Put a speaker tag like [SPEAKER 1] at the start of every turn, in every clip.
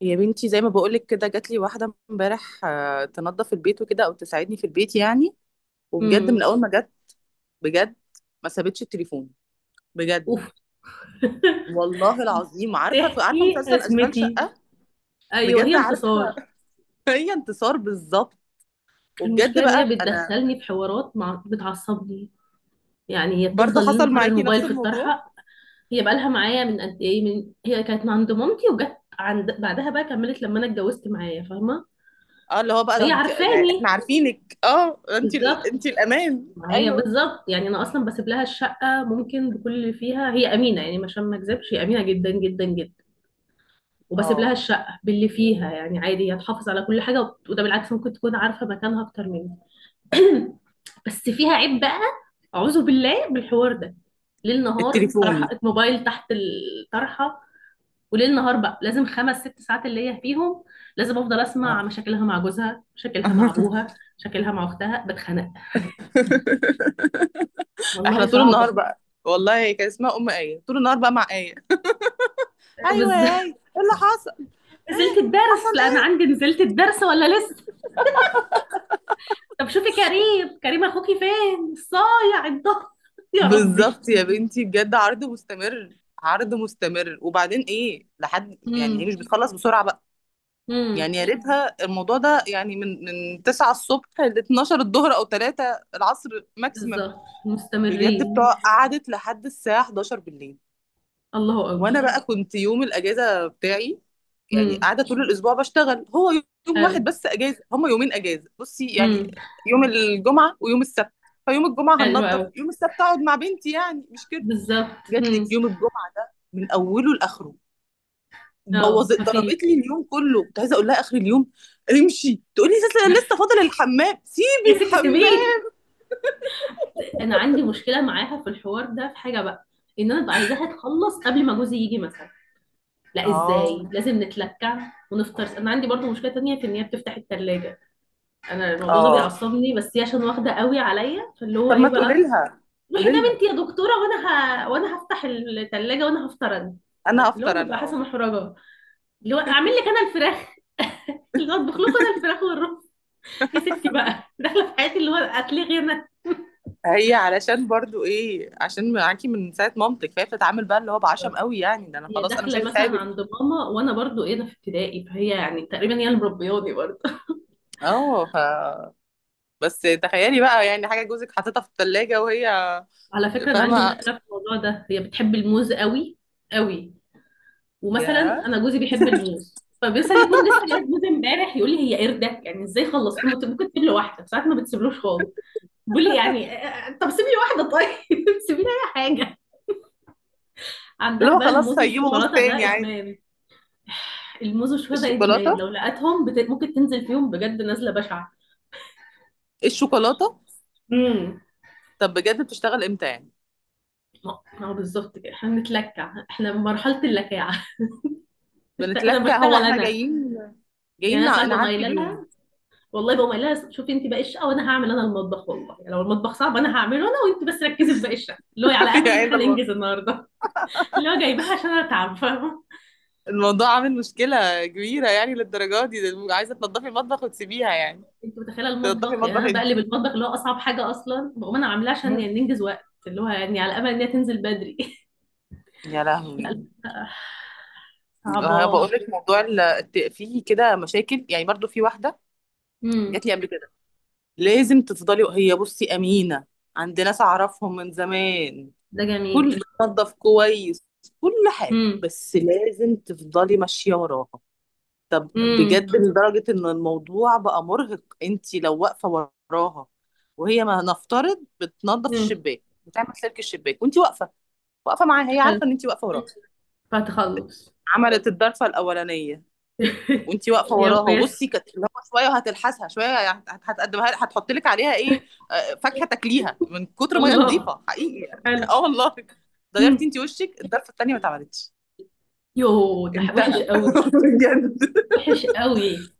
[SPEAKER 1] يا بنتي، زي ما بقولك كده جات لي واحدة امبارح تنظف البيت وكده أو تساعدني في البيت يعني. وبجد من
[SPEAKER 2] امم
[SPEAKER 1] أول ما جت بجد ما سابتش التليفون. بجد
[SPEAKER 2] اوف.
[SPEAKER 1] والله العظيم. عارفة عارفة
[SPEAKER 2] تحكي
[SPEAKER 1] مسلسل أشغال
[SPEAKER 2] ازمتي.
[SPEAKER 1] شقة؟
[SPEAKER 2] ايوه هي
[SPEAKER 1] بجد عارفة.
[SPEAKER 2] انتصار.
[SPEAKER 1] هي انتصار بالظبط.
[SPEAKER 2] المشكله
[SPEAKER 1] وبجد
[SPEAKER 2] ان
[SPEAKER 1] بقى
[SPEAKER 2] هي
[SPEAKER 1] أنا
[SPEAKER 2] بتدخلني في حوارات بتعصبني، يعني هي
[SPEAKER 1] برضه
[SPEAKER 2] بتفضل ليل
[SPEAKER 1] حصل
[SPEAKER 2] نهار
[SPEAKER 1] معاكي
[SPEAKER 2] الموبايل
[SPEAKER 1] نفس
[SPEAKER 2] في
[SPEAKER 1] الموضوع.
[SPEAKER 2] الطرحه. هي بقالها معايا من قد ايه، من هي كانت عند مامتي وجت عند بعدها بقى، كملت لما انا اتجوزت معايا، فاهمه؟
[SPEAKER 1] اه، اللي هو بقى ده
[SPEAKER 2] فهي
[SPEAKER 1] يعني احنا
[SPEAKER 2] عارفاني
[SPEAKER 1] عارفينك، اه انت انت
[SPEAKER 2] بالظبط،
[SPEAKER 1] الأمان،
[SPEAKER 2] معايا
[SPEAKER 1] أيوه.
[SPEAKER 2] بالظبط. يعني انا اصلا بسيب لها الشقه ممكن بكل اللي فيها، هي امينه يعني، عشان ما اكذبش هي امينه جدا جدا جدا. وبسيب لها
[SPEAKER 1] اه
[SPEAKER 2] الشقة باللي فيها يعني عادي، هي تحافظ على كل حاجة. وده بالعكس ممكن تكون عارفة مكانها أكتر مني. بس فيها عيب بقى، أعوذ بالله بالحوار ده. ليل نهار الطرحة
[SPEAKER 1] التليفون.
[SPEAKER 2] الموبايل تحت الطرحة. وليل نهار بقى لازم خمس ست ساعات اللي هي فيهم لازم أفضل أسمع
[SPEAKER 1] اه.
[SPEAKER 2] مشاكلها مع جوزها، مشاكلها مع أبوها، مشاكلها مع أختها، بتخنق.
[SPEAKER 1] احنا
[SPEAKER 2] والله
[SPEAKER 1] طول النهار
[SPEAKER 2] صعبة.
[SPEAKER 1] بقى والله كان اسمها ام ايه طول النهار بقى مع ايه. ايوه
[SPEAKER 2] بس
[SPEAKER 1] يا ايه، ايه اللي حصل؟
[SPEAKER 2] نزلت الدرس،
[SPEAKER 1] حصل
[SPEAKER 2] لا أنا
[SPEAKER 1] ايه؟
[SPEAKER 2] عندي نزلت الدرس ولا لسه؟ طب شوفي كريم، كريم أخوكي فين الصايع الضهر؟ يا ربي.
[SPEAKER 1] بالظبط يا بنتي بجد، عرض مستمر. عرض مستمر، وبعدين ايه لحد يعني، هي
[SPEAKER 2] مم.
[SPEAKER 1] مش بتخلص بسرعه بقى.
[SPEAKER 2] امم
[SPEAKER 1] يعني يا ريتها الموضوع ده يعني من 9 الصبح ل 12 الظهر او 3 العصر ماكسيمم.
[SPEAKER 2] بالظبط.
[SPEAKER 1] بجد
[SPEAKER 2] مستمرين.
[SPEAKER 1] بتوع قعدت لحد الساعه 11 بالليل.
[SPEAKER 2] الله
[SPEAKER 1] وانا
[SPEAKER 2] اكبر.
[SPEAKER 1] بقى كنت يوم الاجازه بتاعي، يعني
[SPEAKER 2] امم
[SPEAKER 1] قاعده طول الاسبوع بشتغل هو. يوم واحد
[SPEAKER 2] حلو.
[SPEAKER 1] بس اجازه، هما يومين اجازه بصي يعني،
[SPEAKER 2] امم
[SPEAKER 1] يوم الجمعه ويوم السبت. فيوم الجمعه
[SPEAKER 2] حلو
[SPEAKER 1] هننضف،
[SPEAKER 2] قوي.
[SPEAKER 1] يوم السبت اقعد مع بنتي يعني، مش كده؟
[SPEAKER 2] بالظبط
[SPEAKER 1] جات لك
[SPEAKER 2] امم
[SPEAKER 1] يوم الجمعه ده من اوله لاخره.
[SPEAKER 2] اه
[SPEAKER 1] بوظت، ضربت لي
[SPEAKER 2] مفيش.
[SPEAKER 1] اليوم كله. كنت عايزه اقول لها اخر اليوم امشي، تقولي لسه لسه فاضل الحمام،
[SPEAKER 2] يا
[SPEAKER 1] سيبي
[SPEAKER 2] ست سيبيه.
[SPEAKER 1] الحمام.
[SPEAKER 2] انا عندي مشكله معاها في الحوار ده، في حاجه بقى، ان انا ببقى عايزاها تخلص قبل ما جوزي يجي مثلا، لا
[SPEAKER 1] اه.
[SPEAKER 2] ازاي، لازم نتلكع ونفطر. انا عندي برضو مشكله تانية في ان هي بتفتح التلاجة. انا الموضوع ده
[SPEAKER 1] اه
[SPEAKER 2] بيعصبني، بس هي عشان واخده قوي عليا، فاللي هو
[SPEAKER 1] طب
[SPEAKER 2] ايه
[SPEAKER 1] ما تقولي
[SPEAKER 2] بقى،
[SPEAKER 1] لها،
[SPEAKER 2] روحي ده
[SPEAKER 1] قولي لها
[SPEAKER 2] بنتي يا دكتوره وانا، وانا هفتح التلاجة وانا هفطر انا،
[SPEAKER 1] انا
[SPEAKER 2] اللي
[SPEAKER 1] افطر
[SPEAKER 2] هو
[SPEAKER 1] انا.
[SPEAKER 2] ببقى حاسه
[SPEAKER 1] اه
[SPEAKER 2] محرجه. اللي هو اعمل لك انا الفراخ اللي هو اطبخ لكم انا الفراخ والرز. يا ستي بقى داخله في حياتي، اللي هو هتلاقي انا،
[SPEAKER 1] هي علشان برضو ايه، عشان معاكي من ساعه مامتك، فهي بتتعامل بقى اللي هو بعشم قوي يعني، ده انا
[SPEAKER 2] هي
[SPEAKER 1] خلاص انا مش
[SPEAKER 2] داخله
[SPEAKER 1] عايزه
[SPEAKER 2] مثلا
[SPEAKER 1] اتعبك.
[SPEAKER 2] عند ماما وانا برضو ايه، ده في ابتدائي، فهي يعني تقريبا هي اللي مربياني برضو.
[SPEAKER 1] اه بس تخيلي بقى يعني حاجه جوزك حاططها في الثلاجه وهي.
[SPEAKER 2] على فكره انا عندي
[SPEAKER 1] فاهمه.
[SPEAKER 2] مشكله في الموضوع ده، هي بتحب الموز قوي قوي. ومثلا
[SPEAKER 1] يا
[SPEAKER 2] انا جوزي بيحب الموز، فبيصل يكون لسه جايب موز امبارح يقول لي هي قردك، يعني ازاي خلصت؟ ممكن ممكن تسيب له واحده، ساعات ما بتسيبلوش خالص. بيقول لي يعني طب سيبي لي واحده طيب سيبي لي اي حاجه. عندها
[SPEAKER 1] اللي هو
[SPEAKER 2] بقى
[SPEAKER 1] خلاص
[SPEAKER 2] الموز
[SPEAKER 1] هيجيبه بوس
[SPEAKER 2] والشوكولاته ده
[SPEAKER 1] تاني عادي.
[SPEAKER 2] ادمان. الموز والشهداء ادمان، لو
[SPEAKER 1] الشوكولاته،
[SPEAKER 2] لقتهم ممكن تنزل فيهم بجد نزله بشعه.
[SPEAKER 1] الشوكولاته.
[SPEAKER 2] امم
[SPEAKER 1] طب بجد بتشتغل امتى يعني؟
[SPEAKER 2] ما هو بالظبط كده، احنا بنتلكع، احنا مرحله اللكاعه. انا
[SPEAKER 1] بنتلكى
[SPEAKER 2] بشتغل
[SPEAKER 1] هو احنا
[SPEAKER 2] انا.
[SPEAKER 1] جايين، جايين
[SPEAKER 2] يعني انا ساعات بقوم
[SPEAKER 1] نعدي
[SPEAKER 2] قايله لها،
[SPEAKER 1] اليوم.
[SPEAKER 2] والله بقوم قايله لها شوفي انت باقي الشقه وانا هعمل انا المطبخ، والله يعني لو المطبخ صعب انا هعمله انا وانت بس ركزي في باقي الشقه، اللي هو على امل ان
[SPEAKER 1] يعني
[SPEAKER 2] احنا
[SPEAKER 1] ده الموضوع.
[SPEAKER 2] ننجز النهارده. اللي هو جايباها عشان انا تعب، فاهمه؟
[SPEAKER 1] الموضوع عامل مشكلة كبيرة يعني للدرجة دي، ده عايزة تنضفي المطبخ وتسيبيها يعني؟
[SPEAKER 2] انت متخيله
[SPEAKER 1] تنضفي
[SPEAKER 2] المطبخ؟ يعني
[SPEAKER 1] المطبخ؟
[SPEAKER 2] انا بقلب المطبخ اللي هو اصعب حاجه اصلا، بقوم انا عاملاه عشان
[SPEAKER 1] انت
[SPEAKER 2] يعني ننجز وقت، اللي هو يعني على امل ان هي تنزل بدري.
[SPEAKER 1] يا
[SPEAKER 2] لا
[SPEAKER 1] لهوي.
[SPEAKER 2] لا لا.
[SPEAKER 1] انا بقول
[SPEAKER 2] صعبة.
[SPEAKER 1] لك موضوع فيه كده مشاكل يعني، برضو في واحده
[SPEAKER 2] امم
[SPEAKER 1] جات لي قبل كده. لازم تفضلي، هي بصي امينه، عند ناس اعرفهم من زمان،
[SPEAKER 2] ده جميل.
[SPEAKER 1] كل بتنظف كويس، كل حاجه،
[SPEAKER 2] امم
[SPEAKER 1] بس لازم تفضلي ماشيه وراها. طب
[SPEAKER 2] امم
[SPEAKER 1] بجد لدرجه ان الموضوع بقى مرهق. انت لو واقفه وراها وهي ما نفترض بتنظف
[SPEAKER 2] امم
[SPEAKER 1] الشباك، بتعمل سلك الشباك وانت واقفه، واقفه معاها، هي
[SPEAKER 2] حلو.
[SPEAKER 1] عارفه ان انت واقفه
[SPEAKER 2] مم.
[SPEAKER 1] وراها.
[SPEAKER 2] فتخلص.
[SPEAKER 1] عملت الضرفه الاولانيه وانت واقفه
[SPEAKER 2] يا
[SPEAKER 1] وراها، وبصي
[SPEAKER 2] ميسر.
[SPEAKER 1] كانت اللي هو شويه وهتلحسها شويه يعني، هتقدمها، هتحط لك عليها ايه؟ فاكهه تاكليها من كتر ما هي
[SPEAKER 2] الله.
[SPEAKER 1] نظيفه، حقيقي يعني.
[SPEAKER 2] حلو.
[SPEAKER 1] اه والله. غيرتي
[SPEAKER 2] امم
[SPEAKER 1] انت وشك الضرفه التانيه ما اتعملتش.
[SPEAKER 2] يو ده وحش
[SPEAKER 1] انتهى.
[SPEAKER 2] قوي.
[SPEAKER 1] بجد.
[SPEAKER 2] وحش قوي.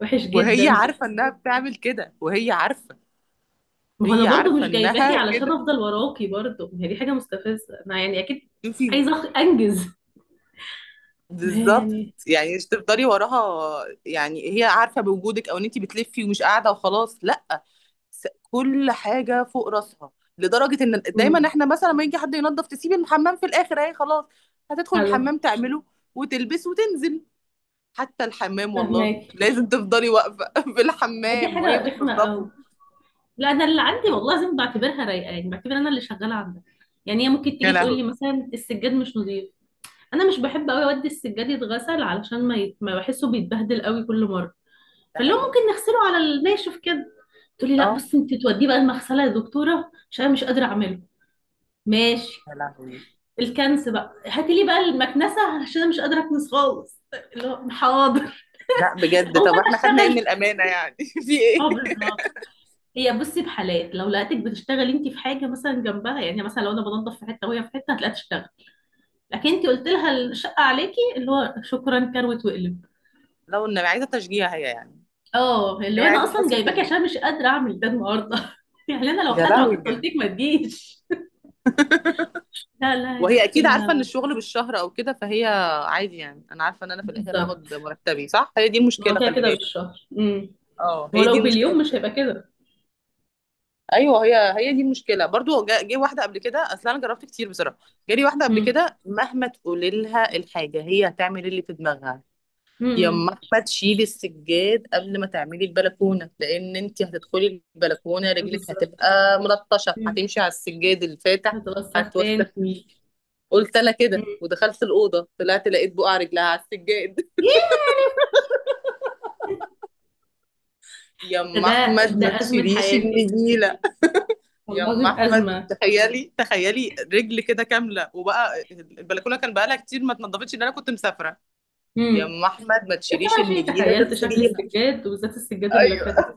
[SPEAKER 2] وحش جدا
[SPEAKER 1] وهي
[SPEAKER 2] ده.
[SPEAKER 1] عارفه انها بتعمل كده وهي عارفه.
[SPEAKER 2] ما هو انا
[SPEAKER 1] هي
[SPEAKER 2] برضو
[SPEAKER 1] عارفه
[SPEAKER 2] مش جايباكي
[SPEAKER 1] انها
[SPEAKER 2] علشان
[SPEAKER 1] كده.
[SPEAKER 2] افضل وراكي برضو، ما هي دي حاجة مستفزة انا يعني اكيد.
[SPEAKER 1] شوفي.
[SPEAKER 2] عايزة انجز. ما هي
[SPEAKER 1] بالظبط،
[SPEAKER 2] يعني.
[SPEAKER 1] يعني مش تفضلي وراها، يعني هي عارفه بوجودك او ان انت بتلفي ومش قاعده وخلاص، لا. كل حاجه فوق راسها. لدرجه ان دايما
[SPEAKER 2] امم
[SPEAKER 1] احنا مثلا لما يجي حد ينظف تسيب الحمام في الاخر، اهي خلاص هتدخل
[SPEAKER 2] حلو.
[SPEAKER 1] الحمام تعمله وتلبس وتنزل. حتى الحمام والله
[SPEAKER 2] فهماكي.
[SPEAKER 1] لازم تفضلي واقفه في
[SPEAKER 2] ما دي
[SPEAKER 1] الحمام وهي
[SPEAKER 2] حاجة رخمة قوي.
[SPEAKER 1] بتنظفه.
[SPEAKER 2] لا انا اللي عندي والله لازم بعتبرها رايقه، يعني بعتبر انا اللي شغاله عندها. يعني هي ممكن
[SPEAKER 1] يا
[SPEAKER 2] تيجي تقول لي
[SPEAKER 1] لهوي.
[SPEAKER 2] مثلا السجاد مش نظيف، انا مش بحب قوي اودي السجاد يتغسل علشان ما بحسه بيتبهدل قوي كل مره،
[SPEAKER 1] ده
[SPEAKER 2] فاللي هو
[SPEAKER 1] حقيقي.
[SPEAKER 2] ممكن نغسله على الناشف كده. تقول لي لا
[SPEAKER 1] اه.
[SPEAKER 2] بصي انت توديه بقى المغسله يا دكتوره عشان انا مش قادره اعمله. ماشي.
[SPEAKER 1] يا لهوي.
[SPEAKER 2] الكنس بقى هاتي لي بقى المكنسه عشان انا مش قادره اكنس خالص. اللي هو حاضر.
[SPEAKER 1] لا بجد
[SPEAKER 2] اقوم
[SPEAKER 1] طب
[SPEAKER 2] انا
[SPEAKER 1] احنا خدنا ايه من
[SPEAKER 2] اشتغل.
[SPEAKER 1] الامانه يعني؟ في
[SPEAKER 2] اه
[SPEAKER 1] ايه.
[SPEAKER 2] بالظبط. هي بصي بحالات لو لقيتك بتشتغلي انت في حاجه مثلا جنبها، يعني مثلا لو انا بنضف في حته وهي في حته هتلاقيها تشتغل، لكن انت قلت لها الشقه عليكي، اللي هو شكرا كروت وقلب.
[SPEAKER 1] لو ان عايزه تشجيع هي يعني.
[SPEAKER 2] اه
[SPEAKER 1] يعني
[SPEAKER 2] اللي
[SPEAKER 1] هي
[SPEAKER 2] هو انا
[SPEAKER 1] عايزه
[SPEAKER 2] اصلا
[SPEAKER 1] تحس
[SPEAKER 2] جايباكي
[SPEAKER 1] بتشجيع.
[SPEAKER 2] عشان مش قادره اعمل ده النهارده. يعني انا لو
[SPEAKER 1] يا
[SPEAKER 2] قادره
[SPEAKER 1] لهوي
[SPEAKER 2] كنت قلت لك
[SPEAKER 1] بجد.
[SPEAKER 2] ما تجيش. لا لا يا
[SPEAKER 1] وهي
[SPEAKER 2] ستي
[SPEAKER 1] اكيد عارفه ان
[SPEAKER 2] لا.
[SPEAKER 1] الشغل بالشهر او كده، فهي عادي يعني، انا عارفه ان انا في الاخر
[SPEAKER 2] بالظبط.
[SPEAKER 1] هاخد مرتبي صح، هي دي
[SPEAKER 2] ما هو
[SPEAKER 1] المشكله
[SPEAKER 2] كده
[SPEAKER 1] خلي
[SPEAKER 2] كده
[SPEAKER 1] بالك.
[SPEAKER 2] بالشهر.
[SPEAKER 1] اه
[SPEAKER 2] هو
[SPEAKER 1] هي
[SPEAKER 2] لو
[SPEAKER 1] دي
[SPEAKER 2] باليوم
[SPEAKER 1] المشكله.
[SPEAKER 2] مش هيبقى كده.
[SPEAKER 1] ايوه هي دي المشكله برضو. جه واحده قبل كده، اصل انا جربت كتير بصراحه. جالي واحده قبل
[SPEAKER 2] امم
[SPEAKER 1] كده، مهما تقولي لها الحاجه هي هتعمل إيه اللي في دماغها.
[SPEAKER 2] امم
[SPEAKER 1] يما احمد تشيلي السجاد قبل ما تعملي البلكونه، لان انت هتدخلي البلكونه رجلك
[SPEAKER 2] بالظبط.
[SPEAKER 1] هتبقى ملطشه،
[SPEAKER 2] امم
[SPEAKER 1] هتمشي على السجاد الفاتح.
[SPEAKER 2] هتوسخ تاني.
[SPEAKER 1] هتوسخ مين؟ قلت انا
[SPEAKER 2] امم
[SPEAKER 1] كده ودخلت الاوضه، طلعت لقيت بقع رجلها على السجاد.
[SPEAKER 2] ياه. ده
[SPEAKER 1] يما
[SPEAKER 2] ده
[SPEAKER 1] احمد
[SPEAKER 2] ده
[SPEAKER 1] ما
[SPEAKER 2] ازمه
[SPEAKER 1] تشيليش
[SPEAKER 2] حياتي.
[SPEAKER 1] النجيله.
[SPEAKER 2] والله
[SPEAKER 1] يما
[SPEAKER 2] العظيم
[SPEAKER 1] احمد
[SPEAKER 2] ازمه.
[SPEAKER 1] تخيلي، تخيلي رجل كده كامله، وبقى البلكونه كان بقالها كتير ما اتنضفتش ان انا كنت مسافره.
[SPEAKER 2] امم
[SPEAKER 1] يما احمد ما
[SPEAKER 2] في
[SPEAKER 1] تشيليش
[SPEAKER 2] شيء،
[SPEAKER 1] النجيله
[SPEAKER 2] تخيلت شكل
[SPEAKER 1] تغسليها.
[SPEAKER 2] السجاد، وبالذات السجاد اللي فاتك.
[SPEAKER 1] ايوه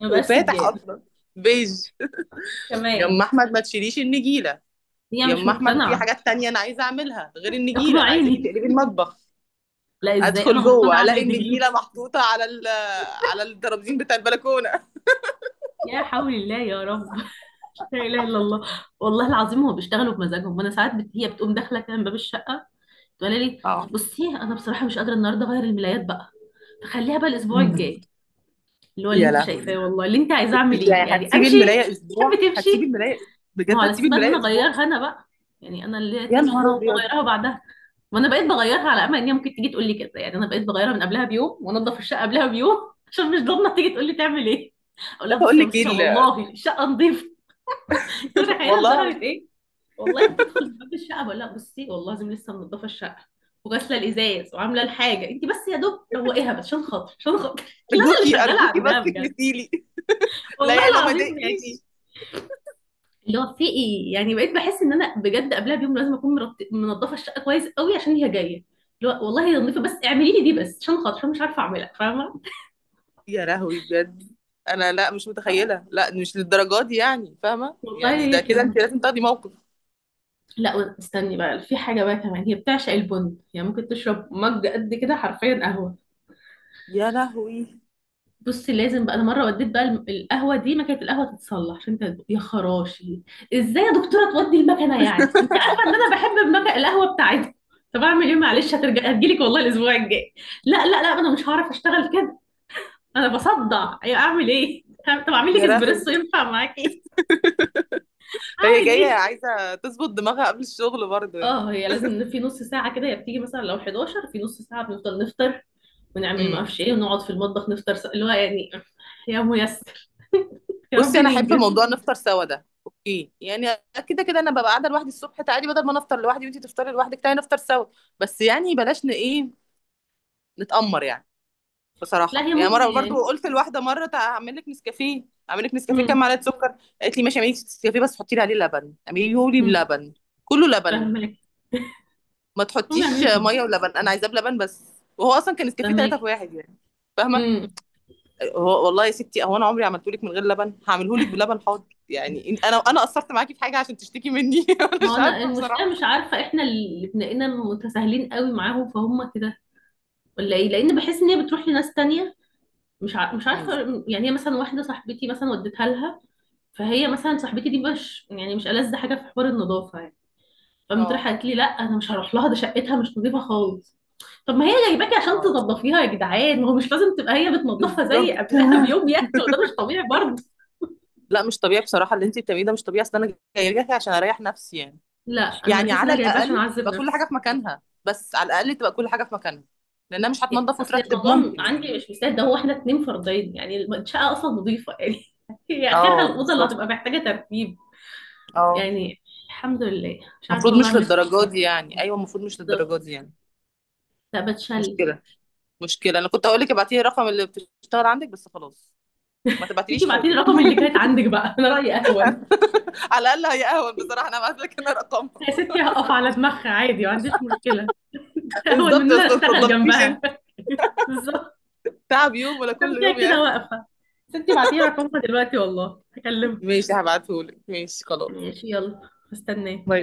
[SPEAKER 2] ما بقاش
[SPEAKER 1] وفاتح
[SPEAKER 2] سجاد.
[SPEAKER 1] اصلا، بيج. يا
[SPEAKER 2] كمان.
[SPEAKER 1] ام احمد ما تشيليش النجيله.
[SPEAKER 2] هي
[SPEAKER 1] يا
[SPEAKER 2] مش
[SPEAKER 1] ام احمد في
[SPEAKER 2] مقتنعة.
[SPEAKER 1] حاجات تانية انا عايزه اعملها غير النجيله، انا عايزاكي
[SPEAKER 2] اقنعيني.
[SPEAKER 1] تقلبي المطبخ.
[SPEAKER 2] لا ازاي انا
[SPEAKER 1] ادخل
[SPEAKER 2] مقتنعة
[SPEAKER 1] جوه الاقي
[SPEAKER 2] اعمل دي؟
[SPEAKER 1] النجيله محطوطه على على الترابيزين بتاع البلكونه.
[SPEAKER 2] يا حول الله، يا رب لا اله الا الله. والله العظيم هو بيشتغلوا بمزاجهم، وانا ساعات هي بتقوم داخله كده من باب الشقه تقول لي
[SPEAKER 1] اه.
[SPEAKER 2] بصي انا بصراحه مش قادره النهارده اغير الملايات بقى، فخليها بقى الاسبوع
[SPEAKER 1] مم.
[SPEAKER 2] الجاي، اللي هو اللي
[SPEAKER 1] يا
[SPEAKER 2] انت شايفاه
[SPEAKER 1] لهوي.
[SPEAKER 2] والله، اللي انت عايزه اعمل ايه
[SPEAKER 1] يعني
[SPEAKER 2] يعني،
[SPEAKER 1] هتسيبي
[SPEAKER 2] امشي.
[SPEAKER 1] الملايه
[SPEAKER 2] تحب
[SPEAKER 1] اسبوع؟ هتسيبي
[SPEAKER 2] تمشي.
[SPEAKER 1] الملايه؟
[SPEAKER 2] ما هو
[SPEAKER 1] بجد
[SPEAKER 2] على اساس
[SPEAKER 1] هتسيبي
[SPEAKER 2] بقى ان انا
[SPEAKER 1] الملايه اسبوع؟
[SPEAKER 2] اغيرها انا بقى، يعني انا اللي هي
[SPEAKER 1] يا
[SPEAKER 2] تمشي انا
[SPEAKER 1] نهار
[SPEAKER 2] وأقوم
[SPEAKER 1] ابيض.
[SPEAKER 2] اغيرها بعدها. ما انا بقيت بغيرها على امل ان هي ممكن تيجي تقول لي كده، يعني انا بقيت بغيرها من قبلها بيوم وانضف الشقه قبلها بيوم عشان مش ضامنه تيجي تقول لي تعمل ايه. اقول
[SPEAKER 1] لا
[SPEAKER 2] لها
[SPEAKER 1] بقول
[SPEAKER 2] بصي يا
[SPEAKER 1] لك ايه
[SPEAKER 2] مشيره والله الشقه نظيفه. انت متخيله
[SPEAKER 1] والله.
[SPEAKER 2] لدرجه ايه؟ والله بتدخل باب الشقه بقول لها بصي والله لازم لسه منضفه الشقه وغاسله الازاز وعامله الحاجه، انت بس يا دوب روقيها بس عشان خاطر، عشان خاطر. لا انا اللي
[SPEAKER 1] ارجوكي،
[SPEAKER 2] شغاله
[SPEAKER 1] ارجوكي
[SPEAKER 2] عندها
[SPEAKER 1] بس
[SPEAKER 2] بجد،
[SPEAKER 1] تكنسيلي.
[SPEAKER 2] والله
[SPEAKER 1] لا يا لا ما
[SPEAKER 2] العظيم
[SPEAKER 1] ضايقكيش.
[SPEAKER 2] يعني. اللي هو في ايه يعني، بقيت بحس ان انا بجد قبلها بيوم لازم اكون منضفه الشقه كويس قوي عشان هي جايه. اللي هو والله هي نظيفه بس اعملي لي دي بس عشان خاطر، عشان مش عارفه اعملها، فاهمه؟
[SPEAKER 1] يا لهوي بجد. انا لا مش
[SPEAKER 2] آه.
[SPEAKER 1] متخيله، لا مش للدرجات دي يعني، فاهمه
[SPEAKER 2] والله
[SPEAKER 1] يعني،
[SPEAKER 2] هي
[SPEAKER 1] ده كده
[SPEAKER 2] كده.
[SPEAKER 1] انت لازم تاخدي موقف.
[SPEAKER 2] لا استني بقى، في حاجه بقى كمان، هي بتعشق البن، يعني ممكن تشرب مج قد كده حرفيا قهوه.
[SPEAKER 1] يا لهوي.
[SPEAKER 2] بصي لازم بقى انا مره وديت بقى القهوه دي، مكنه القهوه تتصلح، عشان انت يا خراشي ازاي يا دكتوره تودي المكنه؟ يعني انت عارفه ان انا بحب المكنه القهوه بتاعتكم. طب اعمل ايه معلش، هترجع هتجيلك والله الاسبوع الجاي. لا لا لا انا مش هعرف اشتغل كده، انا بصدع، ايوه اعمل ايه. طب اعمل لك
[SPEAKER 1] يا لهوي.
[SPEAKER 2] اسبريسو، ينفع معاكي؟
[SPEAKER 1] هي
[SPEAKER 2] اعمل
[SPEAKER 1] جايه
[SPEAKER 2] ايه.
[SPEAKER 1] عايزه تظبط دماغها قبل الشغل برضه يعني.
[SPEAKER 2] اه هي لازم في نص ساعه كده هي بتيجي، مثلا لو 11 في نص ساعه بنفضل نفطر، ونعمل ما
[SPEAKER 1] امم.
[SPEAKER 2] اعرفش ايه، ونقعد في المطبخ نفطر، اللي هو يعني. يا ميسر، يا رب
[SPEAKER 1] بصي انا احب
[SPEAKER 2] ننجز.
[SPEAKER 1] موضوع نفطر سوا ده اوكي يعني، كده كده انا ببقى قاعده لوحدي الصبح، تعالي بدل ما نفطر لوحدي وانتي تفطري لوحدك تعالي نفطر سوا، بس يعني بلاش ايه، نتأمر يعني.
[SPEAKER 2] لا
[SPEAKER 1] بصراحه
[SPEAKER 2] هي
[SPEAKER 1] يعني مره
[SPEAKER 2] ممكن.
[SPEAKER 1] برضو قلت لواحده مره هعمل لك نسكافيه. هعمل لك نسكافيه كام
[SPEAKER 2] امم
[SPEAKER 1] معلقه سكر؟ قالت لي ماشي، اعملي لي نسكافيه بس حطي لي عليه لبن، اعمليه لي
[SPEAKER 2] امم
[SPEAKER 1] بلبن، كله لبن،
[SPEAKER 2] فاهمك.
[SPEAKER 1] ما تحطيش
[SPEAKER 2] فاهمك.
[SPEAKER 1] ميه ولبن، انا عايزاه بلبن بس. وهو اصلا كان نسكافيه ثلاثه في
[SPEAKER 2] فاهمك.
[SPEAKER 1] واحد يعني، فاهمه.
[SPEAKER 2] امم
[SPEAKER 1] هو والله يا ستي هو انا عمري عملته لك من غير لبن؟ هعمله لك بلبن، حاضر يعني. انا قصرت معاكي في حاجه عشان تشتكي مني؟ انا
[SPEAKER 2] ما هو
[SPEAKER 1] مش
[SPEAKER 2] انا
[SPEAKER 1] عارفه
[SPEAKER 2] المشكله
[SPEAKER 1] بصراحه.
[SPEAKER 2] مش عارفه، احنا اللي بنلاقينا متساهلين قوي معاهم فهم كده، ولا ايه، لان بحس ان هي بتروح لناس تانية، مش عارفه.
[SPEAKER 1] مم.
[SPEAKER 2] يعني هي مثلا واحده صاحبتي مثلا وديتها لها، فهي مثلا صاحبتي دي مش يعني مش ألذ حاجه في حوار النظافه يعني، فقامت
[SPEAKER 1] اه.
[SPEAKER 2] رايحه قالت لي لا انا مش هروح لها ده شقتها مش نظيفه خالص. طب ما هي جايباكي عشان
[SPEAKER 1] اه
[SPEAKER 2] تنظفيها يا جدعان، ما هو مش لازم تبقى هي بتنظفها زي
[SPEAKER 1] بالظبط.
[SPEAKER 2] قبلها بيوم يعني، وده مش طبيعي برضه.
[SPEAKER 1] لا مش طبيعي بصراحه، اللي انت بتعمليه ده مش طبيعي، اصل انا جايه لك عشان اريح نفسي يعني،
[SPEAKER 2] لا انا
[SPEAKER 1] يعني
[SPEAKER 2] بحس ان
[SPEAKER 1] على
[SPEAKER 2] انا جايباها عشان
[SPEAKER 1] الاقل
[SPEAKER 2] اعذب
[SPEAKER 1] تبقى كل
[SPEAKER 2] نفسي،
[SPEAKER 1] حاجه في مكانها، بس على الاقل تبقى كل حاجه في مكانها. لانها مش
[SPEAKER 2] يعني
[SPEAKER 1] هتنضف
[SPEAKER 2] اصل
[SPEAKER 1] وترتب
[SPEAKER 2] الموضوع
[SPEAKER 1] ممكن
[SPEAKER 2] عندي
[SPEAKER 1] يعني.
[SPEAKER 2] مش مستاهل ده، هو احنا اتنين فردين يعني، الشقه اصلا نظيفه يعني. هي اخرها
[SPEAKER 1] اه
[SPEAKER 2] الاوضه اللي
[SPEAKER 1] بالظبط.
[SPEAKER 2] هتبقى محتاجه ترتيب.
[SPEAKER 1] اه.
[SPEAKER 2] يعني الحمد لله مش عارفه
[SPEAKER 1] المفروض
[SPEAKER 2] والله
[SPEAKER 1] مش
[SPEAKER 2] اعمل ايه في الموضوع
[SPEAKER 1] للدرجه
[SPEAKER 2] ده.
[SPEAKER 1] دي يعني، ايوه المفروض مش
[SPEAKER 2] بالظبط.
[SPEAKER 1] للدرجه دي يعني.
[SPEAKER 2] لا بتشل.
[SPEAKER 1] مشكله. مشكله انا كنت هقول لك ابعتي لي الرقم اللي بتشتغل عندك، بس خلاص ما
[SPEAKER 2] انتي
[SPEAKER 1] تبعتليش
[SPEAKER 2] بعتي لي
[SPEAKER 1] حاجه.
[SPEAKER 2] الرقم اللي كانت عندك بقى، انا رايي اهون.
[SPEAKER 1] على الاقل هي اهون بصراحه، انا ابعت لك انا رقمها.
[SPEAKER 2] يا ستي هقف على دماغها عادي، ما عنديش مشكله، اهون من
[SPEAKER 1] بالظبط
[SPEAKER 2] ان انا
[SPEAKER 1] بس ما
[SPEAKER 2] اشتغل
[SPEAKER 1] تنضفيش
[SPEAKER 2] جنبها.
[SPEAKER 1] انت،
[SPEAKER 2] بالظبط.
[SPEAKER 1] تعب يوم ولا
[SPEAKER 2] انا
[SPEAKER 1] كل
[SPEAKER 2] كده
[SPEAKER 1] يوم يا
[SPEAKER 2] كده
[SPEAKER 1] اخي.
[SPEAKER 2] واقفه. ستي بعتي لي رقمها دلوقتي والله هكلمها.
[SPEAKER 1] ماشي هبعتهولك، ماشي خلاص.
[SPEAKER 2] ماشي يلا مستنيه.
[SPEAKER 1] باي.